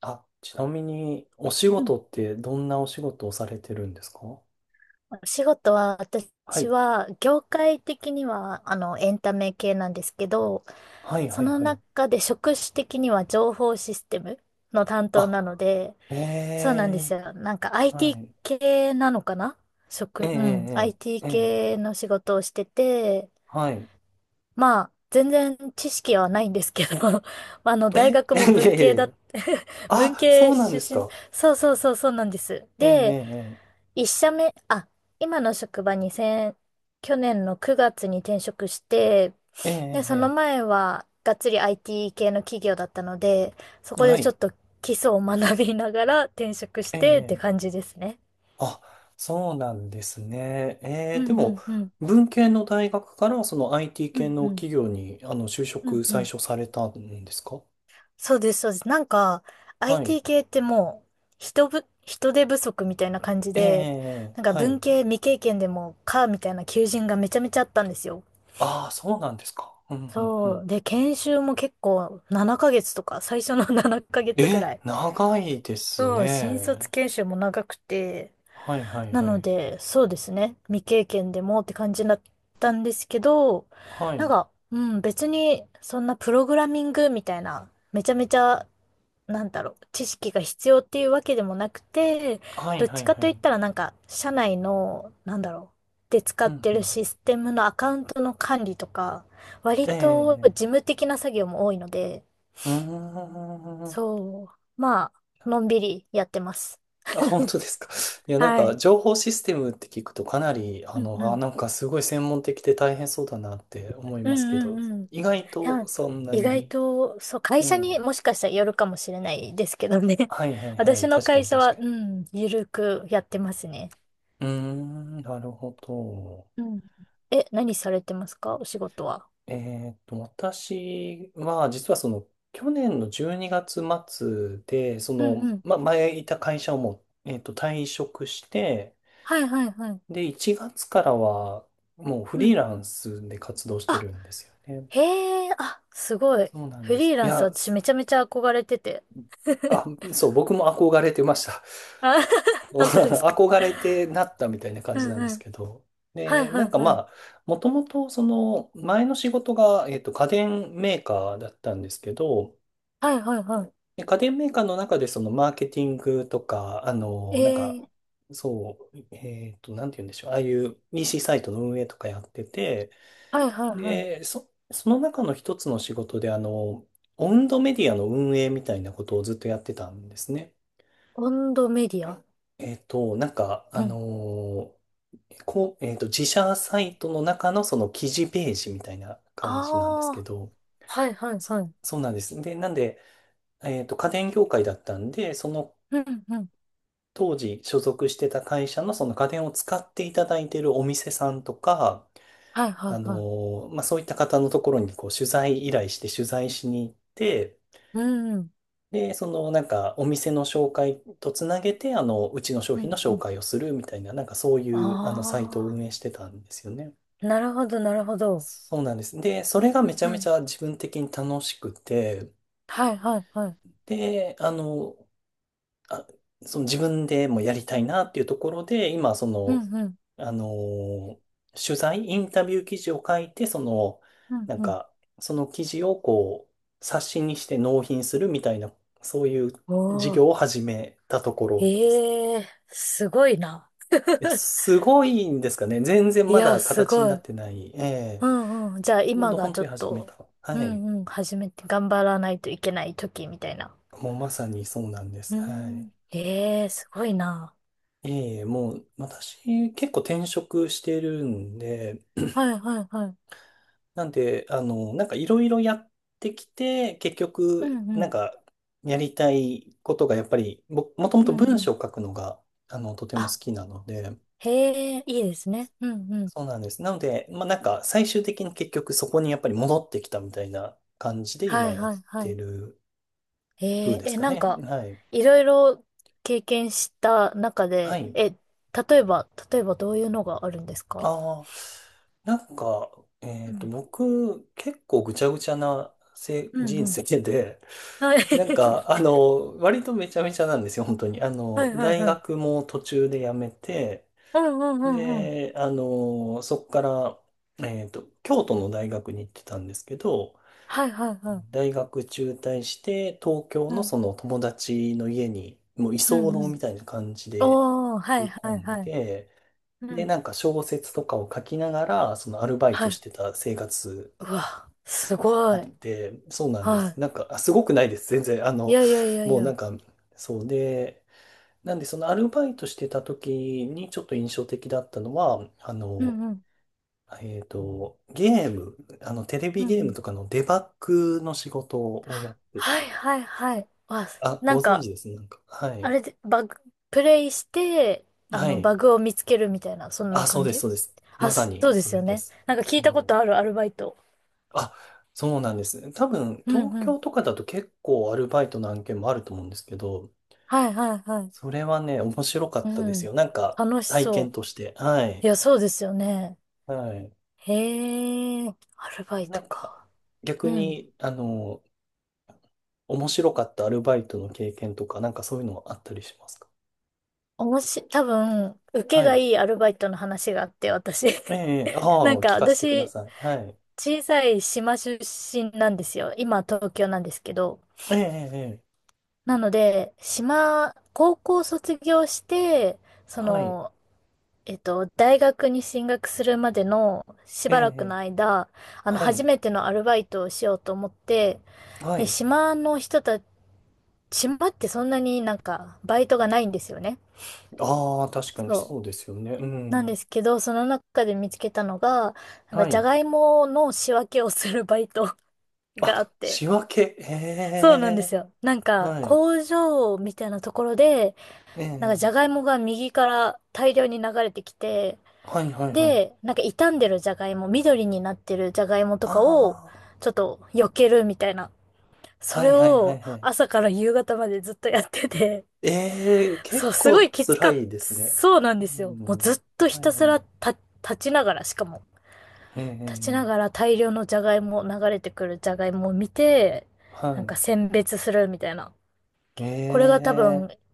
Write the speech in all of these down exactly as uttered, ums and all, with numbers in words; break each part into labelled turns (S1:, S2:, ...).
S1: あ、ちなみに、お仕
S2: うん
S1: 事ってどんなお仕事をされてるんですか？
S2: お仕事は、
S1: は
S2: 私
S1: い。
S2: は、業界的には、あの、エンタメ系なんですけど、
S1: はい、
S2: そ
S1: はい、
S2: の
S1: はい。
S2: 中で職種的には情報システムの担当なの
S1: あ、
S2: で、
S1: え
S2: そうなんです
S1: え、
S2: よ。なんか
S1: は
S2: アイティー
S1: い。
S2: 系なのかな
S1: ええ
S2: 職、うん、
S1: ええ
S2: アイティー
S1: ええええ、
S2: 系の仕事をしてて、
S1: はい。
S2: まあ、全然知識はないんですけど、あの、大
S1: え、
S2: 学
S1: え
S2: も
S1: え、い
S2: 文
S1: えい
S2: 系
S1: えい
S2: だ、
S1: え。
S2: 文
S1: あ、そ
S2: 系
S1: うなん
S2: 出
S1: です
S2: 身、
S1: か。
S2: そうそうそうそうなんです。で、
S1: えええ
S2: 一社目、あ、今の職場に先、去年のくがつに転職して、
S1: えええ
S2: で、その
S1: ええ
S2: 前はがっつり アイティー 系の企業だったので、そ
S1: ええ、
S2: こ
S1: は
S2: でちょっ
S1: い。
S2: と基礎を学びながら転職し
S1: え
S2: てって
S1: えええ、
S2: 感じですね。
S1: あ、そうなんですね。え
S2: う
S1: え、で
S2: んう
S1: も、
S2: んうん。
S1: 文系の大学からその アイティー
S2: う
S1: 系
S2: んう
S1: の
S2: ん。
S1: 企業に、あの、就
S2: う
S1: 職
S2: んう
S1: 最
S2: ん。
S1: 初されたんですか？
S2: そうです、そうです。なんか、
S1: はい。
S2: アイティー 系ってもう、人ぶ、人手不足みたいな感じ
S1: ええええ
S2: で、
S1: ええ、
S2: なんか
S1: は
S2: 文
S1: い。
S2: 系未経験でもか、みたいな求人がめちゃめちゃあったんですよ。
S1: ああ、そうなんですか。うんうんう
S2: そ
S1: ん。
S2: う。で、研修も結構ななかげつとか、最初の ななかげつぐ
S1: え、
S2: らい。
S1: 長いです
S2: そう、新卒
S1: ね。
S2: 研修も長くて、
S1: はいはい
S2: な
S1: は
S2: の
S1: い。
S2: で、そうですね。未経験でもって感じだったんですけど、
S1: は
S2: なん
S1: い。
S2: か、うん、別にそんなプログラミングみたいな、めちゃめちゃ、なんだろう、知識が必要っていうわけでもなくて、
S1: はい
S2: どっ
S1: は
S2: ち
S1: い
S2: か
S1: は
S2: といっ
S1: い。
S2: たらなんか、社内の、なんだろう、で使
S1: う
S2: っ
S1: ん
S2: て
S1: う
S2: る
S1: ん。
S2: システムのアカウントの管理とか、割
S1: え
S2: と事
S1: え。
S2: 務的な作業も多いので、
S1: うーん。
S2: そう、まあ、のんびりやってます。
S1: あ、本当ですか。いや、なん
S2: は
S1: か、
S2: い。
S1: 情報システムって聞くとかなり、あ
S2: うんう
S1: の、あ、
S2: ん。
S1: なんかすごい専門的で大変そうだなって思い
S2: う
S1: ますけ
S2: んう
S1: ど、
S2: んうん。い
S1: 意外と
S2: や、
S1: そんな
S2: 意外
S1: に。
S2: と、そう、会
S1: え
S2: 社
S1: え。
S2: にもしかしたらよるかもしれないですけどね。
S1: はいはいは
S2: 私
S1: い。
S2: の
S1: 確か
S2: 会
S1: に
S2: 社
S1: 確
S2: は、
S1: か
S2: う
S1: に。
S2: ん、ゆるくやってますね。
S1: うーん、なるほど。
S2: うん。え、何されてますかお仕事は。
S1: えーっと、私は、実はその、去年のじゅうにがつ末で、そ
S2: うん
S1: の、
S2: うん。
S1: ま、前いた会社をもう、えーっと、退職して、
S2: はいはいはい。
S1: で、いちがつからは、もうフ
S2: う
S1: リー
S2: ん。
S1: ランスで活動して
S2: あ、
S1: るんですよね。
S2: へえ、あ、すごい。
S1: そうなん
S2: フ
S1: で
S2: リー
S1: す。い
S2: ランス
S1: や、
S2: 私
S1: す、
S2: めちゃめちゃ憧れてて。
S1: あ、そう、僕も憧れてました。
S2: あ、本当ですか。
S1: 憧れてなったみたいな感
S2: う
S1: じな
S2: ん
S1: んで
S2: う
S1: す
S2: ん。
S1: けど。
S2: はい
S1: で、な
S2: はい
S1: んかま
S2: はい。
S1: あ、もともとその前の仕事が、えっと、家電メーカーだったんですけど、
S2: はいはいはい。
S1: で、家電メーカーの中でそのマーケティングとか、あ
S2: え
S1: の、なんか、
S2: え、
S1: そう、えっと、なんて言うんでしょう。ああいう イーシー サイトの運営とかやってて、
S2: はいはいはい。
S1: で、そ、その中の一つの仕事で、あの、オウンドメディアの運営みたいなことをずっとやってたんですね。
S2: 温度メディア。
S1: えっと、なんか、あ
S2: うん。
S1: の、こう、えっと、自社サイトの中のその記事ページみたいな
S2: あ
S1: 感じなんですけ
S2: あ、
S1: ど、
S2: はいはい
S1: そ
S2: はい。
S1: そうなんです。で、なんで、えっと、家電業界だったんで、その
S2: うんうん。
S1: 当時所属してた会社のその家電を使っていただいているお店さんとか、
S2: はいはい
S1: あ
S2: は
S1: の、まあ、そういった方のところにこう取材依頼して取材しに行って、
S2: い。うんうん。
S1: で、そのなんかお店の紹介とつなげて、あの、うちの商
S2: う
S1: 品の
S2: んう
S1: 紹
S2: ん。
S1: 介をするみたいな、なんかそうい
S2: あ
S1: うあのサイトを運営してたんですよね。
S2: あ、なるほどなるほど。
S1: そうなんです。で、それが
S2: う
S1: め
S2: ん
S1: ちゃめ
S2: う
S1: ち
S2: ん。
S1: ゃ自分的に楽しくて、
S2: はいはいはい。
S1: で、あの、あ、その自分でもやりたいなっていうところで、今、そ
S2: う
S1: の、
S2: んうん。
S1: あのー取材、インタビュー記事を書いて、その、
S2: うん
S1: なん
S2: うん。
S1: か、その記事をこう、冊子にして納品するみたいな、そういう事
S2: おー。
S1: 業を始めたところですね。
S2: ええすごいな。
S1: いや、すごいんですかね。全然
S2: い
S1: ま
S2: や、
S1: だ
S2: す
S1: 形に
S2: ご
S1: なっ
S2: い。
S1: てない。え
S2: う
S1: え、
S2: んうん。じゃあ
S1: ちょう
S2: 今
S1: ど
S2: が
S1: 本
S2: ち
S1: 当
S2: ょ
S1: に
S2: っ
S1: 始め
S2: と、
S1: た。
S2: う
S1: はい。
S2: んうん、始めて頑張らないといけない時みたいな。
S1: もうまさにそうなんで
S2: う
S1: す。はい。
S2: ん。ええすごいな。
S1: ええ、もう私結構転職してるんで、
S2: はいはいはい。
S1: なんで、あの、なんかいろいろやってきて、結
S2: う
S1: 局、
S2: んう
S1: なん
S2: ん。
S1: か、やりたいことがやっぱり、ももとも
S2: う
S1: と
S2: んう
S1: 文章
S2: ん。
S1: を書くのが、あの、とても好
S2: あ、
S1: きなので、
S2: へえ、いいですね。うんうん。
S1: そうなんです。なので、まあなんか、最終的に結局そこにやっぱり戻ってきたみたいな感じで
S2: は
S1: 今
S2: い
S1: やっ
S2: はいは
S1: て
S2: い。
S1: る風
S2: えー、
S1: です
S2: え、
S1: か
S2: なん
S1: ね。
S2: か、
S1: はい。
S2: いろいろ経験した中
S1: は
S2: で、
S1: い。
S2: え、例えば、例えばどういうのがあるんですか。
S1: ああ、なんか、え
S2: う
S1: っと、
S2: ん。
S1: 僕、結構ぐちゃぐちゃなせ
S2: うん
S1: 人
S2: う
S1: 生
S2: ん。
S1: で、
S2: はい。
S1: なんか、あの、割とめちゃめちゃなんですよ、本当に。あ
S2: は
S1: の、
S2: いはい
S1: 大
S2: はい。
S1: 学も途中で辞めて、
S2: うんうんうんうん。
S1: で、あの、そこから、えっと、京都の大学に行ってたんですけど、
S2: はいはいはい。
S1: 大学中退して、東京
S2: う
S1: の
S2: ん。
S1: その友達の家に、もう居
S2: うんう
S1: 候
S2: ん。
S1: みたいな感じで
S2: おー、は
S1: 飛
S2: い
S1: び
S2: は
S1: 込
S2: い
S1: ん
S2: はい。
S1: で、
S2: う
S1: で、
S2: ん。
S1: なんか小説とかを書きながら、そのアルバイ
S2: は
S1: トし
S2: い。
S1: てた生活
S2: うわ、す
S1: あ
S2: ご
S1: っ
S2: い。
S1: て、そうなんで
S2: は
S1: す。なんか、あ、すごくないです。全然。あ
S2: い。い
S1: の、
S2: やいやいやい
S1: もうなん
S2: や。
S1: か、そうで、なんで、そのアルバイトしてた時にちょっと印象的だったのは、あ
S2: う
S1: の、
S2: んうん。
S1: えっと、ゲーム、あの、テレビ
S2: うんう
S1: ゲーム
S2: ん。
S1: とかのデバッグの仕事をやって
S2: は
S1: て、
S2: いはいはい。わ、
S1: あ、
S2: な
S1: ご
S2: ん
S1: 存
S2: か、
S1: 知ですね。なんか、は
S2: あ
S1: い。
S2: れで、バグ、プレイして、あ
S1: は
S2: の、
S1: い。
S2: バグを見つけるみたいな、そんな
S1: あ、そう
S2: 感
S1: です、
S2: じ。
S1: そうです。
S2: あ、
S1: まさ
S2: そう
S1: に、
S2: で
S1: そ
S2: すよ
S1: れで
S2: ね。
S1: す。
S2: なんか聞いたこと
S1: も
S2: あ
S1: う、
S2: る、アルバイト。
S1: あ、そうなんです。多分、
S2: うん
S1: 東
S2: う
S1: 京
S2: ん。
S1: とかだと結構アルバイトの案件もあると思うんですけど、
S2: はいはいはい。
S1: それはね、面白か
S2: う
S1: ったです
S2: ん。
S1: よ。なんか、
S2: 楽し
S1: 体
S2: そ
S1: 験
S2: う。
S1: として。は
S2: い
S1: い。
S2: や、そうですよね。
S1: はい。
S2: へえ、アルバイ
S1: な
S2: ト
S1: んか、
S2: か。
S1: 逆
S2: うん。
S1: に、あの、面白かったアルバイトの経験とか、なんかそういうのあったりしますか？
S2: おもし、多分、受け
S1: は
S2: が
S1: い。
S2: いいアルバイトの話があって、私。
S1: ええ、ええ、あ
S2: なん
S1: あ、
S2: か、
S1: 聞かせてくだ
S2: 私、
S1: さい。はい。
S2: 小さい島出身なんですよ。今、東京なんですけど。
S1: ええ、ええ、ええ、
S2: なので、島、高校卒業して、そ
S1: はい。
S2: の、えっと、大学に進学するまでのし
S1: ええ、
S2: ばらくの
S1: ええ、
S2: 間、あの、
S1: は
S2: 初
S1: い。
S2: めてのアルバイトをしようと思って、
S1: は
S2: で、
S1: い。
S2: 島の人たち、島ってそんなになんか、バイトがないんですよね。
S1: ああ、確かに
S2: そ
S1: そうですよね。う
S2: う。なんで
S1: ん。
S2: すけど、その中で見つけたのが、なんか、
S1: は
S2: じゃ
S1: い。
S2: がいもの仕分けをするバイトがあっ
S1: あ、
S2: て、
S1: 仕分け。え
S2: そうなんです
S1: え、
S2: よ。なんか、
S1: はい。
S2: 工場みたいなところで、
S1: え
S2: なんかじ
S1: え、
S2: ゃがいもが右から大量に流れてきて、
S1: はい、はい、は
S2: で、
S1: い。
S2: なんか傷んでるじゃがいも、緑になってるじゃがいもとかを、
S1: あ
S2: ちょっと避けるみたいな。
S1: あ、
S2: そ
S1: は
S2: れ
S1: い、はい、は
S2: を
S1: い、はい。
S2: 朝から夕方までずっとやってて、
S1: ええ、
S2: そう、
S1: 結
S2: すご
S1: 構
S2: いきつ
S1: 辛
S2: かった。
S1: いですね。
S2: そうなん
S1: う
S2: ですよ。もうず
S1: ん。
S2: っとひ
S1: はい
S2: たす
S1: は
S2: ら
S1: い。
S2: た立ちながら、しかも、
S1: え
S2: 立ちな
S1: え
S2: が
S1: ええ、
S2: ら大量のじゃがいも、流れてくるじゃがいもを見て、
S1: は
S2: なん
S1: い。
S2: か選別するみたいな。これが多分
S1: ええ、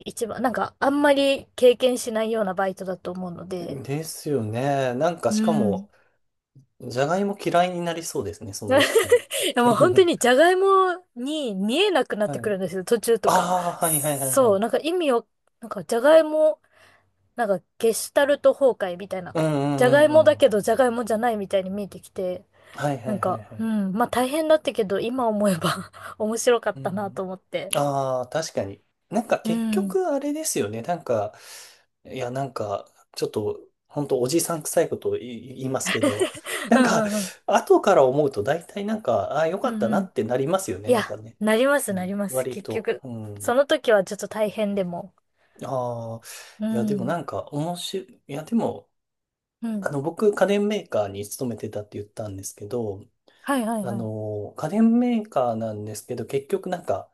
S2: 一番、なんかあんまり経験しないようなバイトだと思うので、
S1: ですよね。なんかし
S2: う
S1: か
S2: ん。
S1: も、じゃがいも嫌いになりそうですね、そ
S2: い
S1: の一瞬。
S2: やもう本当 にじゃがいもに見えなくなっ
S1: は
S2: てく
S1: い。
S2: るんですよ、途中とか。
S1: ああ、はいはいはいは
S2: そう、
S1: い。
S2: なんか意味を、なんかじゃがいも、なんかゲシュタルト崩壊みたいな。
S1: うんう
S2: じゃがい
S1: んう
S2: も
S1: んう
S2: だ
S1: ん。
S2: けどじゃがいもじゃないみたいに見えてきて、
S1: はいは
S2: なん
S1: いはい
S2: か、
S1: は
S2: う
S1: い。
S2: ん、まあ大変だったけど、今思えば 面白かっ
S1: う
S2: たなと
S1: ん。
S2: 思って。
S1: ああ、確かに。なんか
S2: う
S1: 結
S2: ん。
S1: 局あれですよね。なんか、いや、なんか、ちょっと、本当おじさん臭いことを言い言いますけど、な
S2: う
S1: ん
S2: ん
S1: か、
S2: うんうん。
S1: 後から思うと大体なんか、ああ、よか
S2: う
S1: っ
S2: ん
S1: たな
S2: うん。
S1: ってなりますよね、
S2: い
S1: なん
S2: や、
S1: かね。
S2: なります、
S1: う
S2: な
S1: ん、
S2: ります、
S1: 割
S2: 結
S1: と。
S2: 局。
S1: う
S2: そ
S1: ん。
S2: の時はちょっと大変でも。
S1: ああ、
S2: う
S1: いや、でもな
S2: ん。
S1: んか、面白い。いや、でも、
S2: う
S1: あ
S2: ん。
S1: の、僕、家電メーカーに勤めてたって言ったんですけど、
S2: はいはい
S1: あ
S2: はい。
S1: の、家電メーカーなんですけど、結局なんか、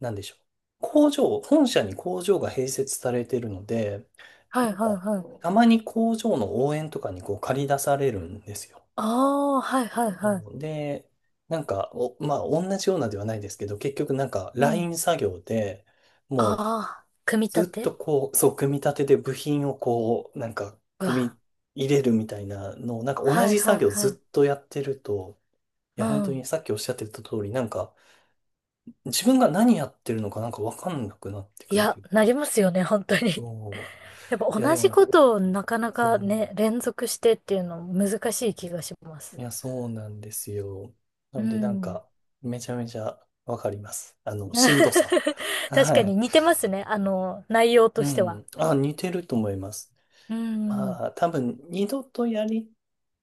S1: なんでしょう。工場、本社に工場が併設されてるので、
S2: はい
S1: なん
S2: はい
S1: か、
S2: はい。
S1: たまに工場の応援とかにこう借り出されるんですよ。
S2: ああ、はいはいはい。
S1: うん、で、なんか、お、まあ、同じようなではないですけど、結局なんか、
S2: う
S1: ライ
S2: ん。
S1: ン作業で、もう、
S2: ああ、組み
S1: ず
S2: 立
S1: っと
S2: て。
S1: こう、そう、組み立てで部品をこう、なんか、
S2: う
S1: 組
S2: わ。
S1: み入れるみたいなのを、なんか同
S2: はい
S1: じ
S2: はい
S1: 作業
S2: はい。
S1: ずっとやってると、い
S2: う
S1: や、本当
S2: ん。
S1: にさっきおっしゃってた通り、なんか、自分が何やってるのかなんかわかんなくなって
S2: い
S1: くると
S2: や、
S1: いう
S2: な
S1: か、
S2: りますよね、本当に。
S1: そ
S2: やっぱ
S1: う、いや、
S2: 同
S1: で
S2: じ
S1: も、
S2: ことをなかな
S1: そ
S2: か
S1: う。
S2: ね、連続してっていうの難しい気がしま
S1: い
S2: す。
S1: や、そうなんですよ。な
S2: う
S1: ので、なん
S2: ん。
S1: か、めちゃめちゃわかります。あの、しんどさは。
S2: 確
S1: は
S2: かに
S1: い。
S2: 似てますね、あの、内容と
S1: う
S2: しては。
S1: ん。あ、似てると思います。
S2: うん。
S1: まあ、多分、二度とやり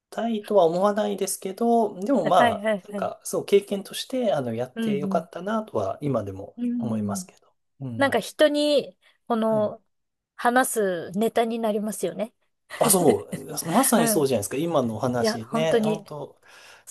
S1: たいとは思わないですけど、でもま
S2: はい
S1: あ、
S2: はい
S1: なん
S2: はい。
S1: か、そう、経験として、あの、やっ
S2: うん
S1: てよ
S2: う
S1: か
S2: ん。
S1: ったなとは、今でも
S2: うん
S1: 思いま
S2: う
S1: す
S2: ん。
S1: けど。う
S2: なんか
S1: ん。
S2: 人に、こ
S1: はい。
S2: の、話すネタになりますよね。
S1: あ、そう。ま さに
S2: う
S1: そう
S2: ん。
S1: じゃないですか。今のお
S2: いや、
S1: 話
S2: 本当
S1: ね。本
S2: に。
S1: 当、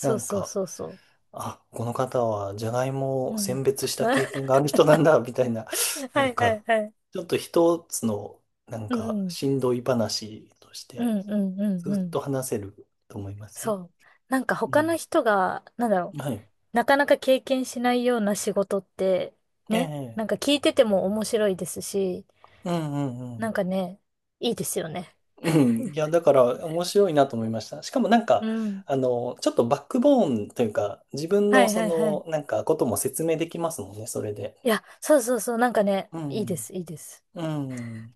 S1: な
S2: う
S1: ん
S2: そう
S1: か、
S2: そうそ
S1: あ、この方はじゃがいも
S2: う。
S1: を
S2: う
S1: 選
S2: ん。
S1: 別した経験が ある人なんだ、みたいな、な
S2: は
S1: ん
S2: いは
S1: か、
S2: いはい。
S1: ちょっと一つの、なん
S2: う
S1: か、
S2: ん。
S1: しんどい話とし
S2: う
S1: て、
S2: んうんうんう
S1: ずっ
S2: ん。
S1: と話せると思います
S2: そ
S1: よ。
S2: う。なんか
S1: う
S2: 他の
S1: ん。
S2: 人が、なんだろう。
S1: はい。
S2: なかなか経験しないような仕事って、
S1: え
S2: ね。
S1: え。
S2: なんか聞いてても面白いですし、
S1: うんうんう
S2: なん
S1: ん。
S2: かね、いいですよね。
S1: うん。いや、だから、面白いなと思いました。しかもなん
S2: う
S1: か、
S2: ん。
S1: あの、ちょっとバックボーンというか、自分
S2: は
S1: の
S2: い
S1: そ
S2: はいはい。
S1: の、なんか、ことも説明できますもんね、それで。
S2: いや、そうそうそう。なんかね、
S1: う
S2: いいで
S1: ん。
S2: す、いいです。
S1: うん。